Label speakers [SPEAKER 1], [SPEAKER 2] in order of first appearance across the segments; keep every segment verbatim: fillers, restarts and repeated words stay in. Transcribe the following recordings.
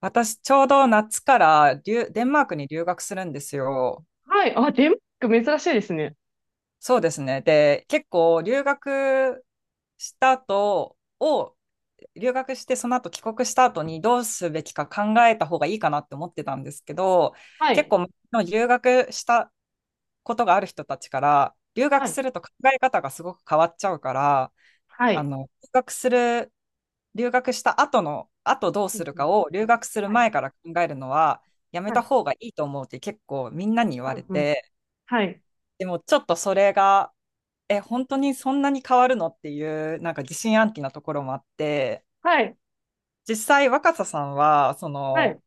[SPEAKER 1] 私、ちょうど夏から留デンマークに留学するんですよ。
[SPEAKER 2] はい。あ、デンマーク珍しいですね。
[SPEAKER 1] そうですね。で、結構留学した後を、留学してその後帰国した後にどうすべきか考えた方がいいかなって思ってたんですけど、
[SPEAKER 2] は
[SPEAKER 1] 結
[SPEAKER 2] い。
[SPEAKER 1] 構留学したことがある人たちから、留
[SPEAKER 2] は
[SPEAKER 1] 学
[SPEAKER 2] い。
[SPEAKER 1] すると考え方がすごく変わっちゃうから、
[SPEAKER 2] は
[SPEAKER 1] あ
[SPEAKER 2] い。
[SPEAKER 1] の、留学する留学した後の、後どう
[SPEAKER 2] う
[SPEAKER 1] す
[SPEAKER 2] ん
[SPEAKER 1] る
[SPEAKER 2] う
[SPEAKER 1] か
[SPEAKER 2] ん。
[SPEAKER 1] を留学する
[SPEAKER 2] はい。
[SPEAKER 1] 前から考えるのはやめ
[SPEAKER 2] は
[SPEAKER 1] た
[SPEAKER 2] い。
[SPEAKER 1] 方がいいと思うって結構みんなに言われ
[SPEAKER 2] うんうん。
[SPEAKER 1] て、
[SPEAKER 2] はい。
[SPEAKER 1] でもちょっとそれが、え、本当にそんなに変わるのっていう、なんか疑心暗鬼なところもあって、
[SPEAKER 2] はい。
[SPEAKER 1] 実際若狭さんは、そ
[SPEAKER 2] はい。
[SPEAKER 1] の、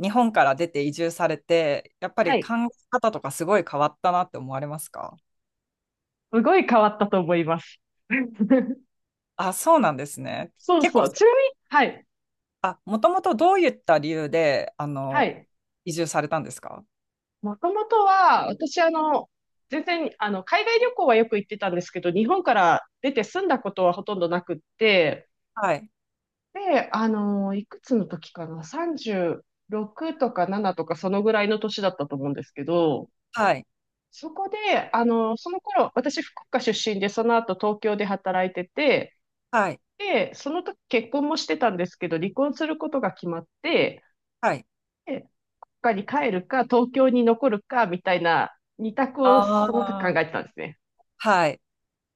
[SPEAKER 1] 日本から出て移住されて、やっぱ
[SPEAKER 2] は
[SPEAKER 1] り考
[SPEAKER 2] い。
[SPEAKER 1] え方とかすごい変わったなって思われますか？
[SPEAKER 2] すごい変わったと思います。
[SPEAKER 1] あ、そうなんですね。
[SPEAKER 2] そう
[SPEAKER 1] 結
[SPEAKER 2] そ
[SPEAKER 1] 構、
[SPEAKER 2] う。ちなみに、はい。
[SPEAKER 1] あ、もともとどういった理由で、あ
[SPEAKER 2] は
[SPEAKER 1] の、
[SPEAKER 2] い。
[SPEAKER 1] 移住されたんですか？
[SPEAKER 2] もともとは、私、あの、全然、あの、海外旅行はよく行ってたんですけど、日本から出て住んだことはほとんどなくって、
[SPEAKER 1] はい。
[SPEAKER 2] で、あの、いくつの時かな、さんじゅうろくとかななとか、そのぐらいの年だったと思うんですけど、
[SPEAKER 1] はい。
[SPEAKER 2] そこで、あの、その頃、私、福岡出身で、その後、東京で働いてて、
[SPEAKER 1] はい。
[SPEAKER 2] で、その時結婚もしてたんですけど、離婚することが決まって、
[SPEAKER 1] はい。
[SPEAKER 2] で、福岡に帰るか、東京に残るか、みたいな、二択を
[SPEAKER 1] あ
[SPEAKER 2] その時考
[SPEAKER 1] あ、
[SPEAKER 2] えてたんですね。
[SPEAKER 1] はい。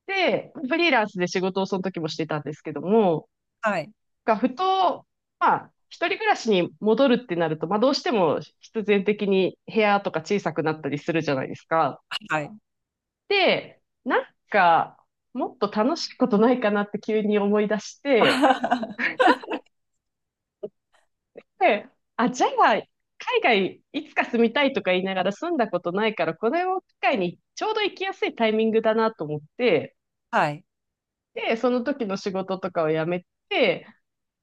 [SPEAKER 2] で、フリーランスで仕事をその時もしてたんですけども、
[SPEAKER 1] はい。
[SPEAKER 2] がふと、まあ、一人暮らしに戻るってなると、まあ、どうしても必然的に部屋とか小さくなったりするじゃないですか。
[SPEAKER 1] はい。
[SPEAKER 2] で、なんか、もっと楽しいことないかなって急に思い出し て、
[SPEAKER 1] あ
[SPEAKER 2] で、あ、じゃあ、海外いつか住みたいとか言いながら住んだことないから、これを機会にちょうど行きやすいタイミングだなと思って、
[SPEAKER 1] はい。
[SPEAKER 2] で、その時の仕事とかを辞めて、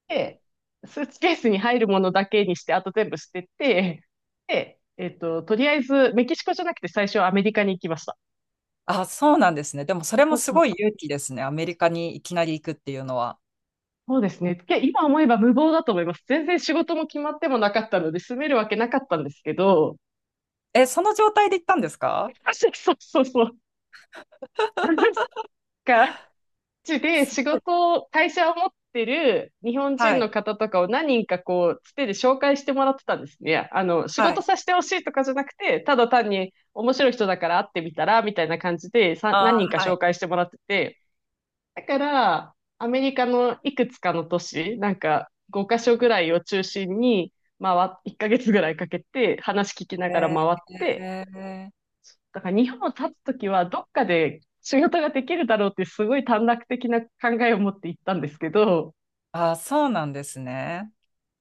[SPEAKER 2] で、スーツケースに入るものだけにして、あと全部捨てて、で、えっと、とりあえずメキシコじゃなくて最初はアメリカに行きました。
[SPEAKER 1] あ、そうなんですね。でもそれ
[SPEAKER 2] そ
[SPEAKER 1] も
[SPEAKER 2] う
[SPEAKER 1] す
[SPEAKER 2] そ
[SPEAKER 1] ご
[SPEAKER 2] う
[SPEAKER 1] い勇気ですね。アメリカにいきなり行くっていうのは。
[SPEAKER 2] そうですね。け今思えば無謀だと思います。全然仕事も決まってもなかったので、住めるわけなかったんですけど、
[SPEAKER 1] え、その状態で行ったんですか？
[SPEAKER 2] そうそうそう。なんか、ちで
[SPEAKER 1] す
[SPEAKER 2] 仕
[SPEAKER 1] ごい。
[SPEAKER 2] 事を、会社を持ってる日本
[SPEAKER 1] は
[SPEAKER 2] 人の
[SPEAKER 1] い。
[SPEAKER 2] 方とかを何人かこう、つてで紹介してもらってたんですね。あの、仕
[SPEAKER 1] は
[SPEAKER 2] 事
[SPEAKER 1] い。
[SPEAKER 2] させてほしいとかじゃなくて、ただ単に面白い人だから会ってみたら、みたいな感じでさ、
[SPEAKER 1] あ
[SPEAKER 2] 何人か
[SPEAKER 1] ー、は
[SPEAKER 2] 紹
[SPEAKER 1] い。
[SPEAKER 2] 介してもらってて、だから、アメリカのいくつかの都市、なんかごカ所ぐらいを中心に回っ、いっかげつぐらいかけて話聞きながら
[SPEAKER 1] え
[SPEAKER 2] 回って、
[SPEAKER 1] ー、
[SPEAKER 2] だから日本を立つときはどっかで仕事ができるだろうってすごい短絡的な考えを持って行ったんですけど、
[SPEAKER 1] あー、そうなんですね。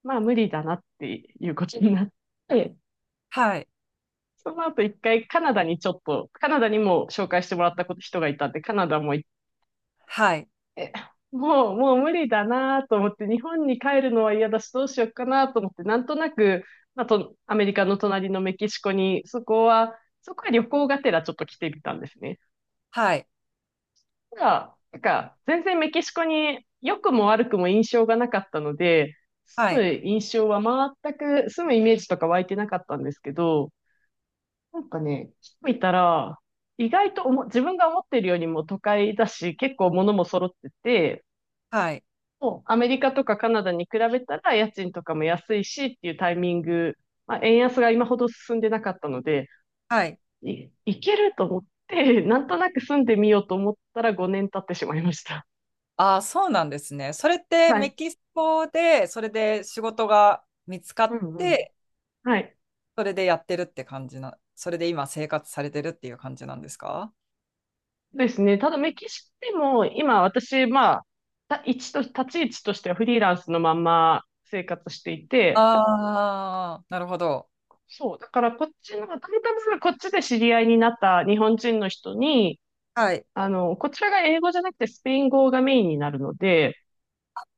[SPEAKER 2] まあ無理だなっていうことになって、
[SPEAKER 1] はい。
[SPEAKER 2] その後一回カナダにちょっと、カナダにも紹介してもらったこと人がいたんで、カナダも
[SPEAKER 1] はい。
[SPEAKER 2] もう、もう無理だなと思って、日本に帰るのは嫌だし、どうしようかなと思って、なんとなく、まあと、アメリカの隣のメキシコに、そこは、そこは旅行がてらちょっと来てみたんですね。
[SPEAKER 1] はい。
[SPEAKER 2] ただ、なんか、全然メキシコに良くも悪くも印象がなかったので、
[SPEAKER 1] は
[SPEAKER 2] 住む
[SPEAKER 1] い。
[SPEAKER 2] 印象は全く、住むイメージとか湧いてなかったんですけど、なんかね、来てみたら、意外とおも自分が思ってるよりも都会だし、結構物も揃ってて、
[SPEAKER 1] はい。
[SPEAKER 2] アメリカとかカナダに比べたら家賃とかも安いしっていうタイミング、まあ、円安が今ほど進んでなかったので、
[SPEAKER 1] はい。
[SPEAKER 2] い、いけると思って、なんとなく住んでみようと思ったらごねん経ってしまいました。
[SPEAKER 1] あー、そうなんですね。それって
[SPEAKER 2] は
[SPEAKER 1] メ
[SPEAKER 2] い。
[SPEAKER 1] キシコで、それで仕事が見つか
[SPEAKER 2] う
[SPEAKER 1] っ
[SPEAKER 2] んうん。
[SPEAKER 1] て、
[SPEAKER 2] はい。
[SPEAKER 1] それでやってるって感じな、それで今生活されてるっていう感じなんですか？
[SPEAKER 2] ですね。ただメキシコでも今私、まあ、た一と、立ち位置としてはフリーランスのまんま生活していて、
[SPEAKER 1] ああー、なるほど。
[SPEAKER 2] そう、だからこっちの、たまたまこっちで知り合いになった日本人の人に、
[SPEAKER 1] はい。
[SPEAKER 2] あの、こちらが英語じゃなくてスペイン語がメインになるので、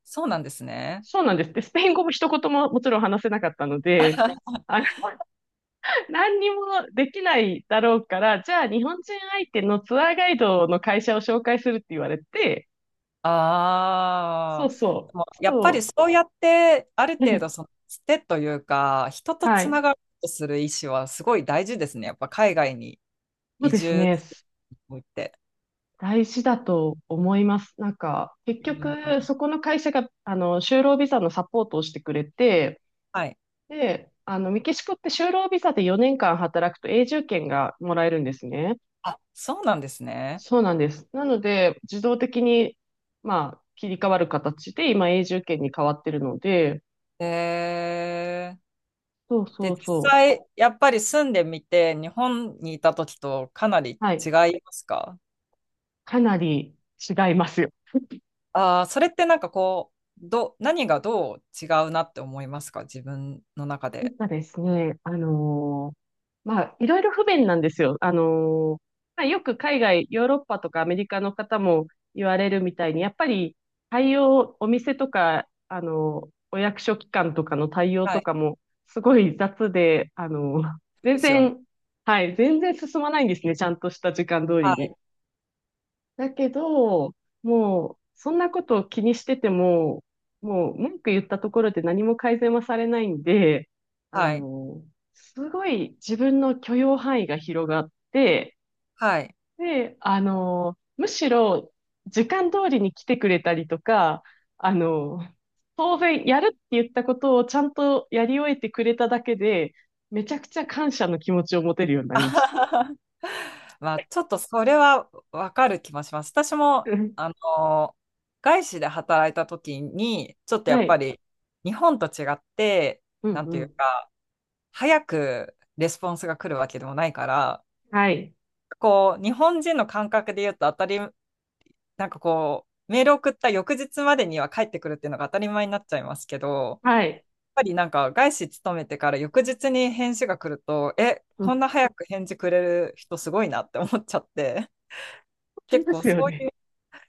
[SPEAKER 1] そうなんですね。
[SPEAKER 2] そうなんです。で、スペイン語も一言ももちろん話せなかったので、あの、何にもできないだろうから、じゃあ日本人相手のツアーガイドの会社を紹介するって言われて、そ
[SPEAKER 1] あ
[SPEAKER 2] う
[SPEAKER 1] あ、
[SPEAKER 2] そ
[SPEAKER 1] でも
[SPEAKER 2] う、
[SPEAKER 1] やっぱり
[SPEAKER 2] そ
[SPEAKER 1] そうやって、ある
[SPEAKER 2] う、
[SPEAKER 1] 程度 そのつてというか、人と
[SPEAKER 2] は
[SPEAKER 1] つ
[SPEAKER 2] い。
[SPEAKER 1] ながろうとする意思はすごい大事ですね。やっぱ海外に
[SPEAKER 2] そう
[SPEAKER 1] 移
[SPEAKER 2] です
[SPEAKER 1] 住
[SPEAKER 2] ね。
[SPEAKER 1] するにおいて。
[SPEAKER 2] 大事だと思います。なんか、結
[SPEAKER 1] う
[SPEAKER 2] 局、
[SPEAKER 1] ん。
[SPEAKER 2] そこの会社が、あの、就労ビザのサポートをしてくれて、
[SPEAKER 1] はい。
[SPEAKER 2] で、あの、メキシコって就労ビザでよねんかん働くと永住権がもらえるんですね。
[SPEAKER 1] あ、そうなんですね。
[SPEAKER 2] そうなんです。なので、自動的に、まあ、切り替わる形で、今、永住権に変わってるので、
[SPEAKER 1] えー
[SPEAKER 2] そう
[SPEAKER 1] で、
[SPEAKER 2] そうそ
[SPEAKER 1] 実
[SPEAKER 2] う。
[SPEAKER 1] 際、やっぱり住んでみて、日本にいた時とかなり
[SPEAKER 2] は
[SPEAKER 1] 違
[SPEAKER 2] い。
[SPEAKER 1] いますか？
[SPEAKER 2] かなり違いますよ。
[SPEAKER 1] ああー、それってなんかこう、ど、何がどう違うなって思いますか自分の中
[SPEAKER 2] やっ
[SPEAKER 1] で？
[SPEAKER 2] ぱですね、あのーまあ、いろいろ不便なんですよ。あのーまあ、よく海外、ヨーロッパとかアメリカの方も言われるみたいに、やっぱり対応、お店とか、あのーお役所機関とかの対応
[SPEAKER 1] は
[SPEAKER 2] と
[SPEAKER 1] い。
[SPEAKER 2] かも、すごい雑で、あのー
[SPEAKER 1] そうで
[SPEAKER 2] 全
[SPEAKER 1] すよね。
[SPEAKER 2] 然、はい、全然進まないんですね、ちゃんとした時間通り
[SPEAKER 1] は
[SPEAKER 2] に。
[SPEAKER 1] い。
[SPEAKER 2] だけど、もう、そんなことを気にしてても、もう文句言ったところで何も改善はされないんで、あ
[SPEAKER 1] はい。
[SPEAKER 2] の、すごい自分の許容範囲が広がって、
[SPEAKER 1] はい。
[SPEAKER 2] で、あの、むしろ時間通りに来てくれたりとか、あの、当然やるって言ったことをちゃんとやり終えてくれただけで、めちゃくちゃ感謝の気持ちを持てるように な
[SPEAKER 1] あ
[SPEAKER 2] りま
[SPEAKER 1] は
[SPEAKER 2] した。
[SPEAKER 1] ははまあ、ちょっとそれはわかる気もします。私も、
[SPEAKER 2] うん
[SPEAKER 1] あの、外資で働いた時に、ちょっとや
[SPEAKER 2] は
[SPEAKER 1] っぱ
[SPEAKER 2] い。
[SPEAKER 1] り日本と違って、
[SPEAKER 2] うん
[SPEAKER 1] なんてい
[SPEAKER 2] う
[SPEAKER 1] う
[SPEAKER 2] ん。
[SPEAKER 1] か、早くレスポンスが来るわけでもないから、
[SPEAKER 2] はい。
[SPEAKER 1] こう、日本人の感覚で言うと当たり、なんかこう、メール送った翌日までには帰ってくるっていうのが当たり前になっちゃいますけど、やっ
[SPEAKER 2] はい。
[SPEAKER 1] ぱりなんか外資勤めてから翌日に返事が来ると、え、
[SPEAKER 2] う
[SPEAKER 1] こん
[SPEAKER 2] ん
[SPEAKER 1] な早く返事くれる人すごいなって思っちゃって、
[SPEAKER 2] あり
[SPEAKER 1] 結
[SPEAKER 2] ま
[SPEAKER 1] 構
[SPEAKER 2] す
[SPEAKER 1] そ
[SPEAKER 2] よ
[SPEAKER 1] うい
[SPEAKER 2] ね。
[SPEAKER 1] う、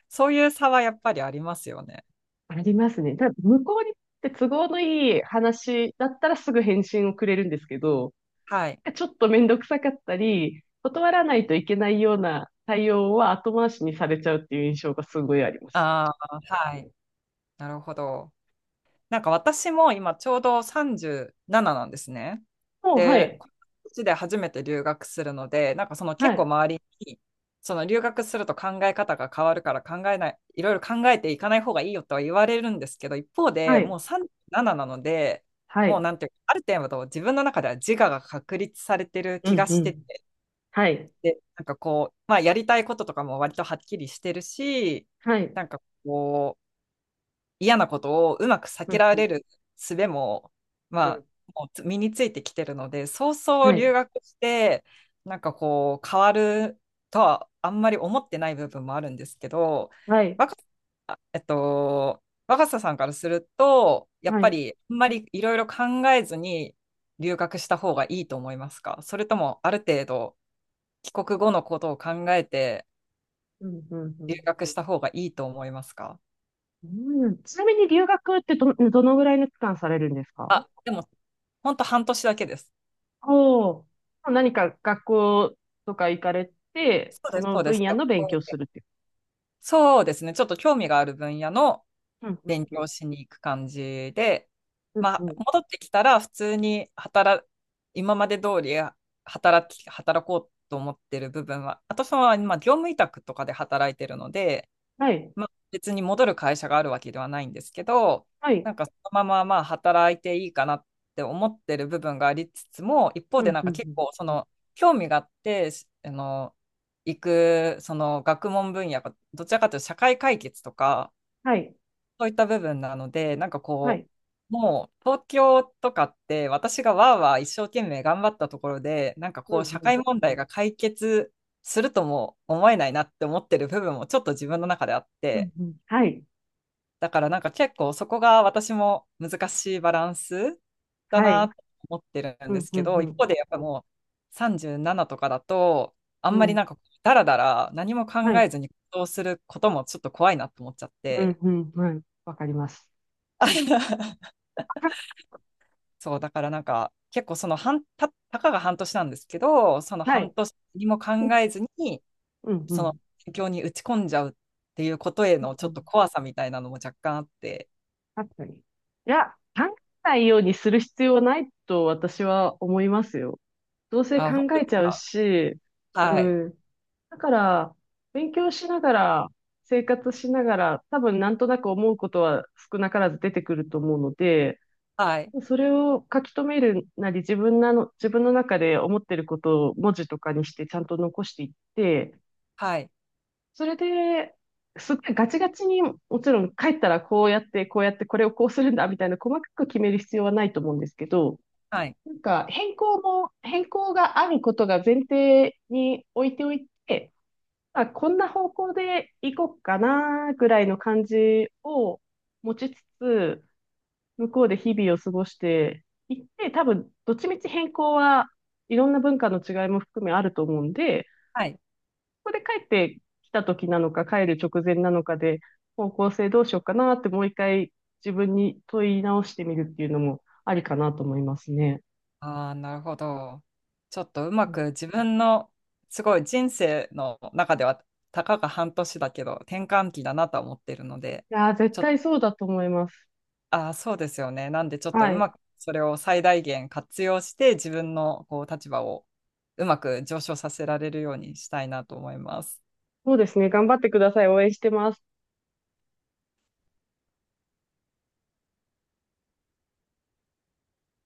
[SPEAKER 1] そういう差はやっぱりありますよね。
[SPEAKER 2] ありますね。ただ、向こうにとって都合のいい話だったらすぐ返信をくれるんですけど、
[SPEAKER 1] はい。
[SPEAKER 2] ちょっとめんどくさかったり、断らないといけないような対応は後回しにされちゃうっていう印象がすごいあります。
[SPEAKER 1] ああ、はい。なるほど。なんか私も今ちょうどさんじゅうなななななんですね。
[SPEAKER 2] もう、は
[SPEAKER 1] で、
[SPEAKER 2] い。
[SPEAKER 1] この年で初めて留学するので、なんかその
[SPEAKER 2] は
[SPEAKER 1] 結構
[SPEAKER 2] い。
[SPEAKER 1] 周りに、その留学すると考え方が変わるから考えない、いろいろ考えていかない方がいいよとは言われるんですけど、一方
[SPEAKER 2] は
[SPEAKER 1] でも
[SPEAKER 2] い。
[SPEAKER 1] うさんじゅうなななななので、
[SPEAKER 2] は
[SPEAKER 1] もう
[SPEAKER 2] い。
[SPEAKER 1] なんていうか、ある程度自分の中では自我が確立されてる
[SPEAKER 2] う
[SPEAKER 1] 気
[SPEAKER 2] ん、
[SPEAKER 1] が
[SPEAKER 2] う
[SPEAKER 1] して
[SPEAKER 2] ん。
[SPEAKER 1] て、
[SPEAKER 2] はい。
[SPEAKER 1] で、なんかこう、まあやりたいこととかも割とはっきりしてるし、
[SPEAKER 2] はい。
[SPEAKER 1] なんかこう、嫌なことをうまく避
[SPEAKER 2] う
[SPEAKER 1] け
[SPEAKER 2] ん、
[SPEAKER 1] ら
[SPEAKER 2] うん、
[SPEAKER 1] れる術も、
[SPEAKER 2] う
[SPEAKER 1] ま
[SPEAKER 2] ん。
[SPEAKER 1] あ、もう身についてきてるので、そうそう
[SPEAKER 2] は
[SPEAKER 1] 留
[SPEAKER 2] い。
[SPEAKER 1] 学して、なんかこう、変わるとはあんまり思ってない部分もあるんですけど、
[SPEAKER 2] はい。
[SPEAKER 1] 若あえっと、若狭さんからすると、やっ
[SPEAKER 2] は
[SPEAKER 1] ぱ
[SPEAKER 2] い。
[SPEAKER 1] りあんまりいろいろ考えずに留学した方がいいと思いますか？それともある程度帰国後のことを考えて
[SPEAKER 2] うん、うん、う
[SPEAKER 1] 留
[SPEAKER 2] ん。
[SPEAKER 1] 学した方がいいと思いますか？
[SPEAKER 2] うんちなみに留学ってど、どのぐらいの期間されるんですか？
[SPEAKER 1] あ、でも本当半年だけです。
[SPEAKER 2] おお、何か学校とか行かれて、
[SPEAKER 1] そう
[SPEAKER 2] そ
[SPEAKER 1] です、
[SPEAKER 2] の
[SPEAKER 1] そうで
[SPEAKER 2] 分
[SPEAKER 1] す。
[SPEAKER 2] 野
[SPEAKER 1] 学
[SPEAKER 2] の勉強
[SPEAKER 1] 校
[SPEAKER 2] す
[SPEAKER 1] で。
[SPEAKER 2] るってい
[SPEAKER 1] そうですね。ちょっと興味がある分野の
[SPEAKER 2] う。うん、うん、
[SPEAKER 1] 勉
[SPEAKER 2] うん、
[SPEAKER 1] 強しに行く感じで、
[SPEAKER 2] うん、
[SPEAKER 1] ま
[SPEAKER 2] う
[SPEAKER 1] あ、
[SPEAKER 2] ん。
[SPEAKER 1] 戻ってきたら普通に働、今まで通り働き、働こうと思ってる部分は、私は今、業務委託とかで働いてるので、
[SPEAKER 2] はい、
[SPEAKER 1] まあ、別に戻る会社があるわけではないんですけど、
[SPEAKER 2] はい、
[SPEAKER 1] なんかそのまままあ働いていいかなって思ってる部分がありつつも、一方
[SPEAKER 2] う
[SPEAKER 1] で
[SPEAKER 2] ん、
[SPEAKER 1] なん
[SPEAKER 2] うん、
[SPEAKER 1] か
[SPEAKER 2] う
[SPEAKER 1] 結
[SPEAKER 2] ん。
[SPEAKER 1] 構その興味があって、しあの、行くその学問分野がどちらかというと社会解決とか、
[SPEAKER 2] はい、
[SPEAKER 1] そういった部分なので、なんか
[SPEAKER 2] は
[SPEAKER 1] こ
[SPEAKER 2] い、
[SPEAKER 1] う、もう東京とかって私がわーわー一生懸命頑張ったところで、なんか
[SPEAKER 2] う
[SPEAKER 1] こ
[SPEAKER 2] ん、
[SPEAKER 1] う社
[SPEAKER 2] う
[SPEAKER 1] 会
[SPEAKER 2] ん、
[SPEAKER 1] 問題が解決するとも思えないなって思ってる部分もちょっと自分の中であっ
[SPEAKER 2] う
[SPEAKER 1] て、
[SPEAKER 2] ん、うん。はい、
[SPEAKER 1] だからなんか結構そこが私も難しいバランスだ
[SPEAKER 2] は
[SPEAKER 1] な
[SPEAKER 2] い、
[SPEAKER 1] と思ってるん
[SPEAKER 2] う
[SPEAKER 1] で
[SPEAKER 2] ん、
[SPEAKER 1] す
[SPEAKER 2] う
[SPEAKER 1] け
[SPEAKER 2] ん、う
[SPEAKER 1] ど、一
[SPEAKER 2] ん、
[SPEAKER 1] 方でやっぱもうさんじゅうななとかだと、あ
[SPEAKER 2] う
[SPEAKER 1] んまり
[SPEAKER 2] ん。
[SPEAKER 1] なんかダラダラ何も
[SPEAKER 2] は
[SPEAKER 1] 考
[SPEAKER 2] い、
[SPEAKER 1] えずに行動することもちょっと怖いなと思っちゃっ
[SPEAKER 2] うん、
[SPEAKER 1] て。
[SPEAKER 2] うん、はい。わかります。
[SPEAKER 1] そう、だからなんか結構その半、た、たかが半年なんですけど、その
[SPEAKER 2] は
[SPEAKER 1] 半
[SPEAKER 2] い、
[SPEAKER 1] 年にも考えずに、
[SPEAKER 2] うん、う
[SPEAKER 1] その
[SPEAKER 2] ん、
[SPEAKER 1] 勉強に打ち込んじゃうっていうことへ
[SPEAKER 2] うん、
[SPEAKER 1] のち
[SPEAKER 2] う
[SPEAKER 1] ょっ
[SPEAKER 2] ん。
[SPEAKER 1] と怖さみたいなのも若干あって、
[SPEAKER 2] 確かに。いや、考えないようにする必要はないと私は思いますよ。どうせ
[SPEAKER 1] あ、
[SPEAKER 2] 考
[SPEAKER 1] 本当
[SPEAKER 2] え
[SPEAKER 1] で
[SPEAKER 2] ち
[SPEAKER 1] す
[SPEAKER 2] ゃう
[SPEAKER 1] か？
[SPEAKER 2] し、う
[SPEAKER 1] はい、
[SPEAKER 2] ん。だから、勉強しながら、生活しながら、多分なんとなく思うことは少なからず出てくると思うので、
[SPEAKER 1] はい、
[SPEAKER 2] それを書き留めるなり、自分なの、自分の中で思ってることを文字とかにしてちゃんと残していって、
[SPEAKER 1] はい。
[SPEAKER 2] それで、すごいガチガチに、もちろん帰ったらこうやって、こうやって、これをこうするんだ、みたいな細かく決める必要はないと思うんですけど、
[SPEAKER 1] はい。
[SPEAKER 2] なんか変更も、変更があることが前提に置いておいて、あ、こんな方向で行こうかな、ぐらいの感じを持ちつつ、向こうで日々を過ごしていって、多分、どっちみち変更はいろんな文化の違いも含めあると思うんで、
[SPEAKER 1] はい。
[SPEAKER 2] ここで帰ってきた時なのか、帰る直前なのかで、方向性どうしようかなって、もう一回自分に問い直してみるっていうのもありかなと思いますね。
[SPEAKER 1] ああ、なるほど。ちょっとうま
[SPEAKER 2] うんい
[SPEAKER 1] く自分の、すごい人生の中では、たかが半年だけど、転換期だなとは思ってるので、
[SPEAKER 2] やー、絶
[SPEAKER 1] ちょっと、
[SPEAKER 2] 対そうだと思います。
[SPEAKER 1] ああ、そうですよね。なんで、ちょっと
[SPEAKER 2] は
[SPEAKER 1] う
[SPEAKER 2] い。
[SPEAKER 1] まくそれを最大限活用して、自分のこう立場をうまく上昇させられるようにしたいなと思います。
[SPEAKER 2] そうですね。頑張ってください。応援してます。